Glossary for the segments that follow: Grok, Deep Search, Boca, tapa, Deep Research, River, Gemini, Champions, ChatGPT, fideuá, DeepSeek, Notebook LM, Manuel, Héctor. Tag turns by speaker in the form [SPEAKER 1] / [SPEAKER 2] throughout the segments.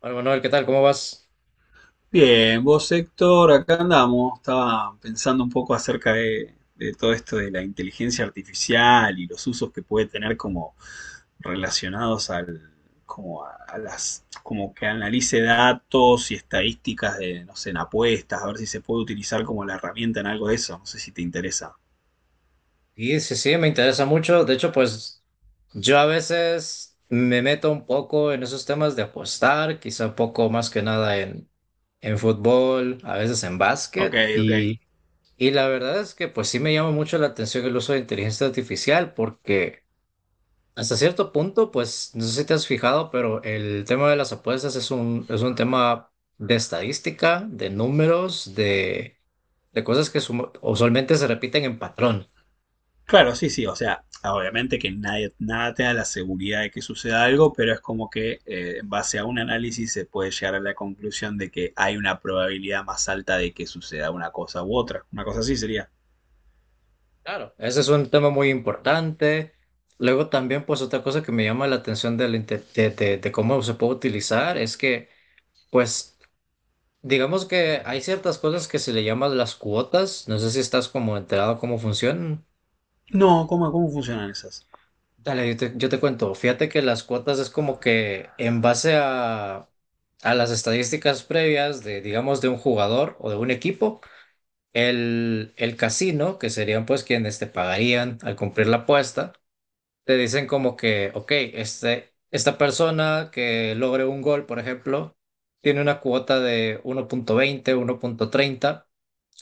[SPEAKER 1] Hola Manuel, ¿qué tal? ¿Cómo vas?
[SPEAKER 2] Bien, vos Héctor, acá andamos. Estaba pensando un poco acerca de todo esto de la inteligencia artificial y los usos que puede tener como relacionados a las, como que analice datos y estadísticas no sé, en apuestas, a ver si se puede utilizar como la herramienta en algo de eso. No sé si te interesa.
[SPEAKER 1] Sí, sí, sí, me interesa mucho. De hecho, pues yo a veces me meto un poco en esos temas de apostar, quizá un poco más que nada en, en fútbol, a veces en
[SPEAKER 2] Ok,
[SPEAKER 1] básquet.
[SPEAKER 2] ok.
[SPEAKER 1] Y la verdad es que pues sí me llama mucho la atención el uso de inteligencia artificial porque hasta cierto punto, pues no sé si te has fijado, pero el tema de las apuestas es un tema de estadística, de números, de cosas que usualmente se repiten en patrón.
[SPEAKER 2] Claro, sí, sí, o sea, obviamente que nadie, nada te da la seguridad de que suceda algo, pero es como que en base a un análisis se puede llegar a la conclusión de que hay una probabilidad más alta de que suceda una cosa u otra. Una cosa así sería.
[SPEAKER 1] Claro, ese es un tema muy importante. Luego también, pues otra cosa que me llama la atención de, de cómo se puede utilizar es que, pues, digamos que hay ciertas cosas que se le llaman las cuotas. No sé si estás como enterado cómo funcionan.
[SPEAKER 2] No, ¿cómo, cómo funcionan esas?
[SPEAKER 1] Dale, yo te cuento. Fíjate que las cuotas es como que en base a las estadísticas previas de, digamos, de un jugador o de un equipo, el casino, que serían pues quienes te pagarían al cumplir la apuesta te dicen como que, ok, esta persona que logre un gol, por ejemplo, tiene una cuota de uno uno punto veinte uno punto treinta,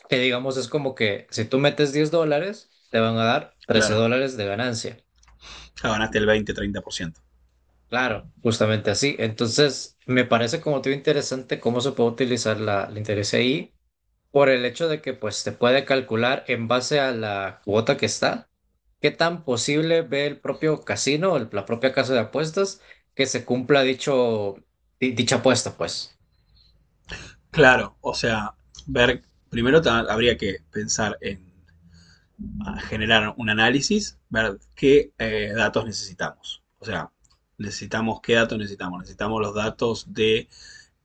[SPEAKER 1] que digamos es como que si tú metes 10 dólares, te van a dar trece
[SPEAKER 2] Claro,
[SPEAKER 1] dólares de ganancia.
[SPEAKER 2] ya ganaste el 20, 30%.
[SPEAKER 1] Claro, justamente así. Entonces, me parece, como te digo, interesante cómo se puede utilizar la, la inteligencia ahí por el hecho de que pues te puede calcular en base a la cuota que está. ¿Qué tan posible ve el propio casino, la propia casa de apuestas, que se cumpla dicho, dicha apuesta, pues?
[SPEAKER 2] Claro, o sea, ver, primero habría que pensar en generar un análisis, ver qué datos necesitamos. O sea, necesitamos, ¿qué datos necesitamos? Necesitamos los datos de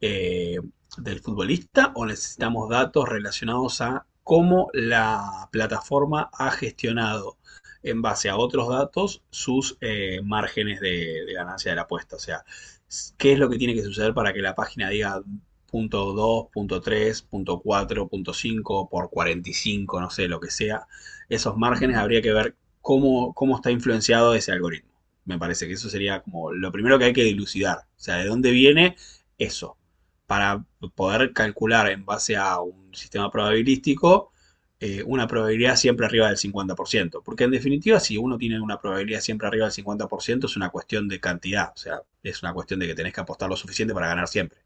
[SPEAKER 2] eh, del futbolista, o necesitamos datos relacionados a cómo la plataforma ha gestionado en base a otros datos sus márgenes de ganancia de la apuesta. O sea, ¿qué es lo que tiene que suceder para que la página diga punto 2, punto 3, punto 4, punto 5 por 45, no sé, lo que sea? Esos márgenes habría que ver cómo, cómo está influenciado ese algoritmo. Me parece que eso sería como lo primero que hay que dilucidar. O sea, ¿de dónde viene eso? Para poder calcular en base a un sistema probabilístico una probabilidad siempre arriba del 50%. Porque en definitiva, si uno tiene una probabilidad siempre arriba del cincuenta por ciento, es una cuestión de cantidad. O sea, es una cuestión de que tenés que apostar lo suficiente para ganar siempre.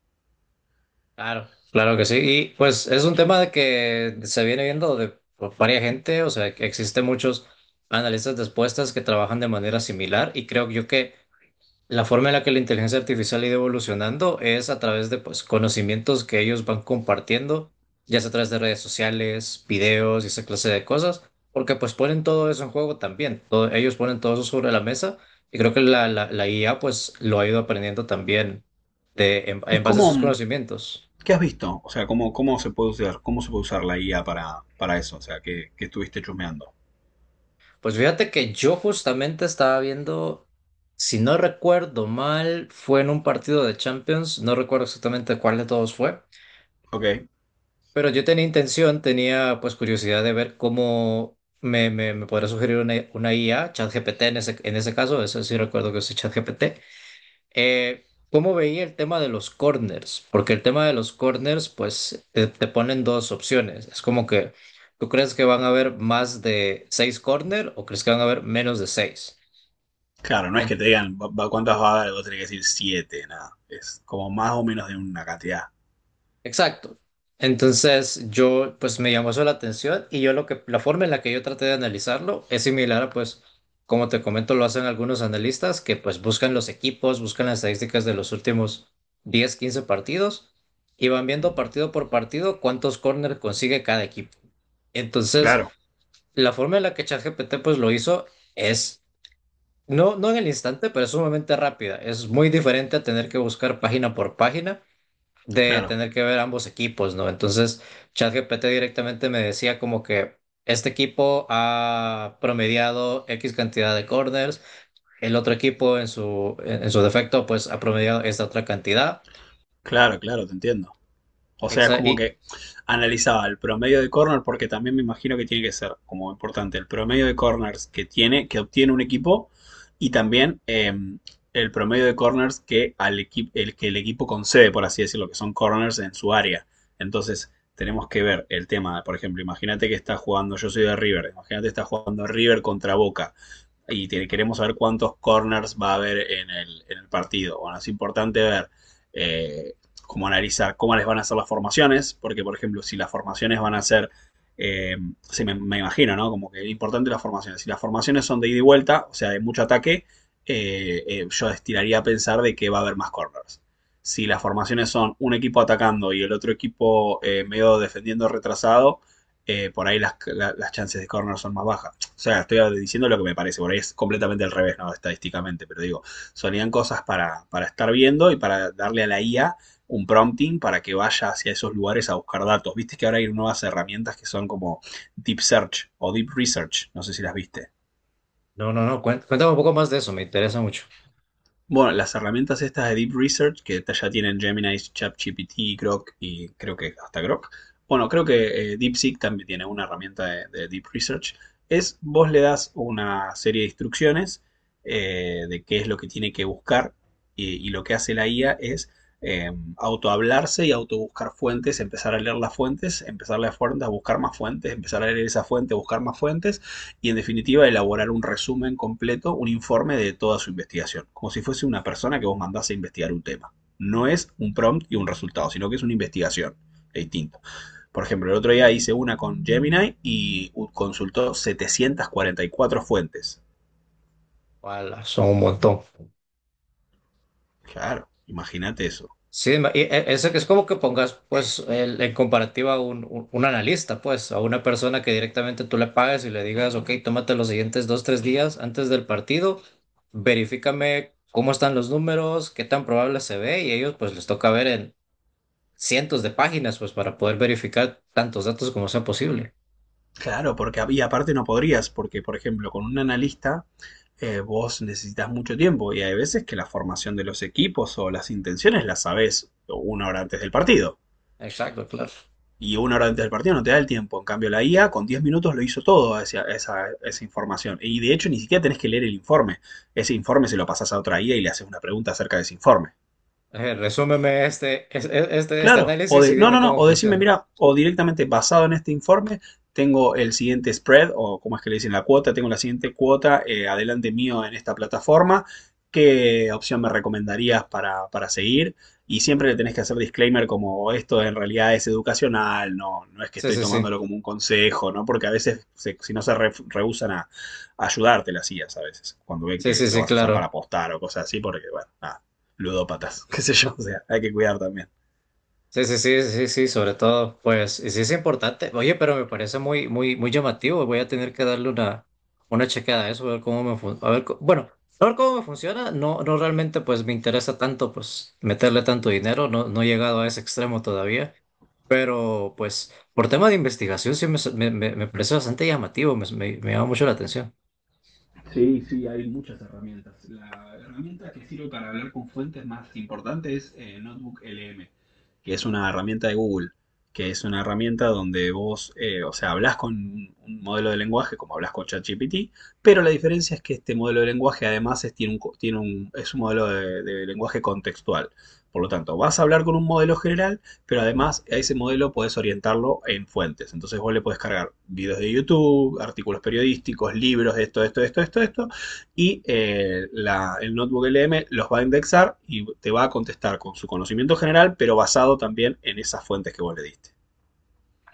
[SPEAKER 1] Claro. Claro que sí. Y pues es un tema de que se viene viendo de por varias gente, o sea, que existen muchos analistas de apuestas que trabajan de manera similar, y creo yo que la forma en la que la inteligencia artificial ha ido evolucionando es a través de, pues, conocimientos que ellos van compartiendo, ya sea a través de redes sociales, videos y esa clase de cosas, porque pues ponen todo eso en juego también. Ellos ponen todo eso sobre la mesa, y creo que la IA pues lo ha ido aprendiendo también de,
[SPEAKER 2] ¿Y
[SPEAKER 1] en base a
[SPEAKER 2] cómo,
[SPEAKER 1] sus conocimientos.
[SPEAKER 2] qué has visto? O sea, ¿cómo, cómo se puede usar, cómo se puede usar la guía para eso? O sea, ¿qué, qué estuviste chusmeando?
[SPEAKER 1] Pues fíjate que yo justamente estaba viendo, si no recuerdo mal, fue en un partido de Champions, no recuerdo exactamente cuál de todos fue.
[SPEAKER 2] Ok.
[SPEAKER 1] Pero yo tenía intención, tenía pues curiosidad de ver cómo me podría sugerir una IA, ChatGPT en ese caso, eso sí recuerdo que usé ChatGPT. ¿Cómo veía el tema de los corners? Porque el tema de los corners, pues te ponen dos opciones. Es como que, ¿tú crees que van a haber más de seis corners o crees que van a haber menos de seis?
[SPEAKER 2] Claro, no es que te digan cuántas va a dar, vos tenés que decir 7 nada. Es como más o menos de una cantidad.
[SPEAKER 1] Exacto. Entonces yo pues me llamó eso la atención, y yo lo que la forma en la que yo traté de analizarlo es similar a pues como te comento lo hacen algunos analistas, que pues buscan los equipos, buscan las estadísticas de los últimos 10, 15 partidos y van viendo partido por partido cuántos corners consigue cada equipo. Entonces,
[SPEAKER 2] Claro.
[SPEAKER 1] la forma en la que ChatGPT pues lo hizo es no no en el instante, pero es sumamente rápida. Es muy diferente a tener que buscar página por página, de
[SPEAKER 2] Claro.
[SPEAKER 1] tener que ver ambos equipos, ¿no? Entonces, ChatGPT directamente me decía como que este equipo ha promediado X cantidad de corners, el otro equipo en su defecto pues ha promediado esta otra cantidad.
[SPEAKER 2] Claro, claro, te entiendo. O sea, es como
[SPEAKER 1] Y,
[SPEAKER 2] que analizaba el promedio de corner, porque también me imagino que tiene que ser como importante el promedio de corners que tiene, que obtiene un equipo, y también el promedio de corners que, que el equipo concede, por así decirlo, que son corners en su área. Entonces, tenemos que ver el tema, por ejemplo, imagínate que está jugando, yo soy de River, imagínate que está jugando River contra Boca y queremos saber cuántos corners va a haber en en el partido. Bueno, es importante ver eh, cómo analizar cómo les van a hacer las formaciones, porque por ejemplo, si las formaciones van a ser, eh, sí, me imagino, ¿no? Como que es importante las formaciones. Si las formaciones son de ida y vuelta, o sea, de mucho ataque, yo estiraría a pensar de que va a haber más corners. Si las formaciones son un equipo atacando y el otro equipo medio defendiendo retrasado, por ahí las chances de corner son más bajas. O sea, estoy diciendo lo que me parece, por ahí es completamente al revés, ¿no? Estadísticamente, pero digo, sonían cosas para estar viendo y para darle a la IA un prompting para que vaya hacia esos lugares a buscar datos. Viste que ahora hay nuevas herramientas que son como Deep Search o Deep Research, no sé si las viste.
[SPEAKER 1] no, no, no, cuéntame un poco más de eso, me interesa mucho.
[SPEAKER 2] Bueno, las herramientas estas de Deep Research, que ya tienen Gemini, ChatGPT, Grok y creo que hasta Grok. Bueno, creo que DeepSeek también tiene una herramienta de Deep Research. Es vos le das una serie de instrucciones de qué es lo que tiene que buscar, y lo que hace la IA es eh, autohablarse y autobuscar fuentes, empezar a leer las fuentes, empezar a leer fuentes, a buscar más fuentes, empezar a leer esa fuente, buscar más fuentes, y en definitiva elaborar un resumen completo, un informe de toda su investigación, como si fuese una persona que vos mandás a investigar un tema. No es un prompt y un resultado, sino que es una investigación, es distinto. Por ejemplo, el otro día hice una con Gemini y consultó 744 fuentes.
[SPEAKER 1] Wala, son un montón.
[SPEAKER 2] Claro, imagínate eso.
[SPEAKER 1] Sí, y eso que es como que pongas, pues, en comparativa a un, un analista, pues, a una persona que directamente tú le pagas y le digas, ok, tómate los siguientes dos, tres días antes del partido, verifícame cómo están los números, qué tan probable se ve, y ellos, pues, les toca ver en cientos de páginas, pues, para poder verificar tantos datos como sea posible.
[SPEAKER 2] Claro, porque y aparte no podrías, porque por ejemplo con un analista vos necesitas mucho tiempo y hay veces que la formación de los equipos o las intenciones las sabés 1 hora antes del partido.
[SPEAKER 1] Exacto, claro.
[SPEAKER 2] Y una hora antes del partido no te da el tiempo. En cambio, la IA con 10 minutos lo hizo todo hacia esa, esa información. Y de hecho, ni siquiera tenés que leer el informe. Ese informe se lo pasás a otra IA y le haces una pregunta acerca de ese informe.
[SPEAKER 1] Resúmeme este, este, este
[SPEAKER 2] Claro, o
[SPEAKER 1] análisis y
[SPEAKER 2] de, no,
[SPEAKER 1] dime
[SPEAKER 2] no, no,
[SPEAKER 1] cómo
[SPEAKER 2] o decirme,
[SPEAKER 1] funciona.
[SPEAKER 2] mira, o directamente basado en este informe, tengo el siguiente spread, o como es que le dicen, la cuota, tengo la siguiente cuota adelante mío en esta plataforma. ¿Qué opción me recomendarías para seguir? Y siempre le tenés que hacer disclaimer como esto en realidad es educacional, no, no es que
[SPEAKER 1] Sí,
[SPEAKER 2] estoy
[SPEAKER 1] sí, sí.
[SPEAKER 2] tomándolo como un consejo, ¿no? Porque a veces, si no rehusan a ayudarte las IAs a veces, cuando ven
[SPEAKER 1] Sí,
[SPEAKER 2] que
[SPEAKER 1] sí,
[SPEAKER 2] lo
[SPEAKER 1] sí,
[SPEAKER 2] vas a usar para
[SPEAKER 1] claro.
[SPEAKER 2] apostar o cosas así, porque, bueno, nada, ludópatas, qué sé yo, o sea, hay que cuidar también.
[SPEAKER 1] Sí, sí, sí, sí, sí, sobre todo, pues, y sí es importante. Oye, pero me parece muy, muy, muy llamativo. Voy a tener que darle una chequeada a eso, a ver cómo me funciona. A ver, bueno, a ver cómo me funciona. No, no realmente, pues, me interesa tanto, pues, meterle tanto dinero. No, no he llegado a ese extremo todavía. Pero, pues, por tema de investigación, sí me, me parece bastante llamativo. Me llama mucho la atención.
[SPEAKER 2] Sí, sí, hay muchas herramientas. La herramienta que sirve para hablar con fuentes más importante es Notebook LM, que es una herramienta de Google, que es una herramienta donde vos, o sea, hablas con un modelo de lenguaje como hablas con ChatGPT, pero la diferencia es que este modelo de lenguaje además es, tiene un, tiene es un modelo de lenguaje contextual. Por lo tanto, vas a hablar con un modelo general, pero además, a ese modelo podés orientarlo en fuentes. Entonces vos le podés cargar videos de YouTube, artículos periodísticos, libros, esto, esto, esto, esto, esto. Y el notebook LM los va a indexar y te va a contestar con su conocimiento general, pero basado también en esas fuentes que vos le diste.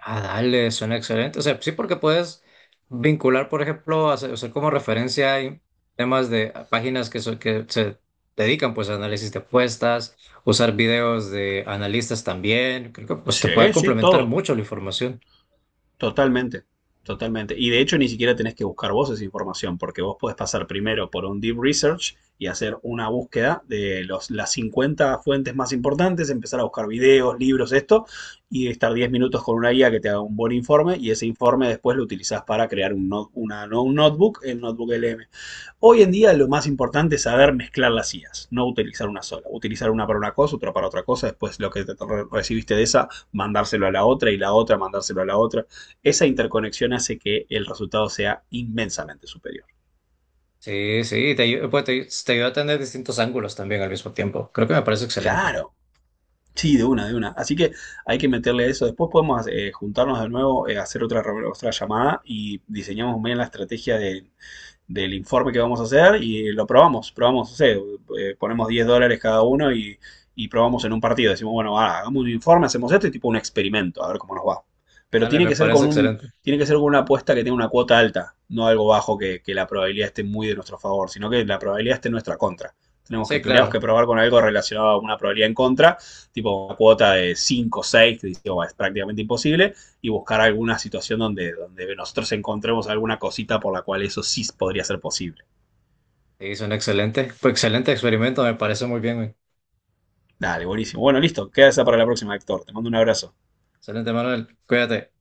[SPEAKER 1] Ah, dale, suena excelente. O sea, sí, porque puedes vincular, por ejemplo, hacer, usar como referencia hay temas de páginas que, que se dedican pues a análisis de apuestas, usar videos de analistas también. Creo que pues te puede
[SPEAKER 2] Sí, sí,
[SPEAKER 1] complementar
[SPEAKER 2] todo.
[SPEAKER 1] mucho la información.
[SPEAKER 2] Totalmente, totalmente. Y de hecho ni siquiera tenés que buscar vos esa información, porque vos podés pasar primero por un deep research y hacer una búsqueda de los, las 50 fuentes más importantes, empezar a buscar videos, libros, esto, y estar 10 minutos con una guía que te haga un buen informe, y ese informe después lo utilizás para crear un, un notebook, el notebook LM. Hoy en día lo más importante es saber mezclar las IAs, no utilizar una sola. Utilizar una para una cosa, otra para otra cosa, después lo que recibiste de esa, mandárselo a la otra, y la otra, mandárselo a la otra. Esa interconexión hace que el resultado sea inmensamente superior.
[SPEAKER 1] Sí, sí, pues, te ayuda a tener distintos ángulos también al mismo tiempo. Creo que me parece excelente.
[SPEAKER 2] Claro. Sí, de una, de una. Así que hay que meterle eso. Después podemos juntarnos de nuevo, hacer otra, otra llamada, y diseñamos bien la estrategia de del informe que vamos a hacer, y lo probamos, probamos, no sé, ponemos 10 dólares cada uno, y probamos en un partido. Decimos, bueno, ah, hagamos un informe, hacemos esto y tipo un experimento, a ver cómo nos va. Pero
[SPEAKER 1] Dale,
[SPEAKER 2] tiene
[SPEAKER 1] me
[SPEAKER 2] que ser
[SPEAKER 1] parece
[SPEAKER 2] con un,
[SPEAKER 1] excelente.
[SPEAKER 2] tiene que ser con una apuesta que tenga una cuota alta, no algo bajo que la probabilidad esté muy de nuestro favor, sino que la probabilidad esté en nuestra contra. Tenemos que,
[SPEAKER 1] Sí,
[SPEAKER 2] tendríamos que
[SPEAKER 1] claro.
[SPEAKER 2] probar con algo relacionado a una probabilidad en contra, tipo una cuota de 5, 6 que dice, oh, es prácticamente imposible, y buscar alguna situación donde, donde nosotros encontremos alguna cosita por la cual eso sí podría ser posible.
[SPEAKER 1] Sí, suena excelente. Fue excelente experimento, me parece muy bien, güey.
[SPEAKER 2] Dale, buenísimo. Bueno, listo, queda esa para la próxima, Héctor. Te mando un abrazo.
[SPEAKER 1] Excelente, Manuel. Cuídate.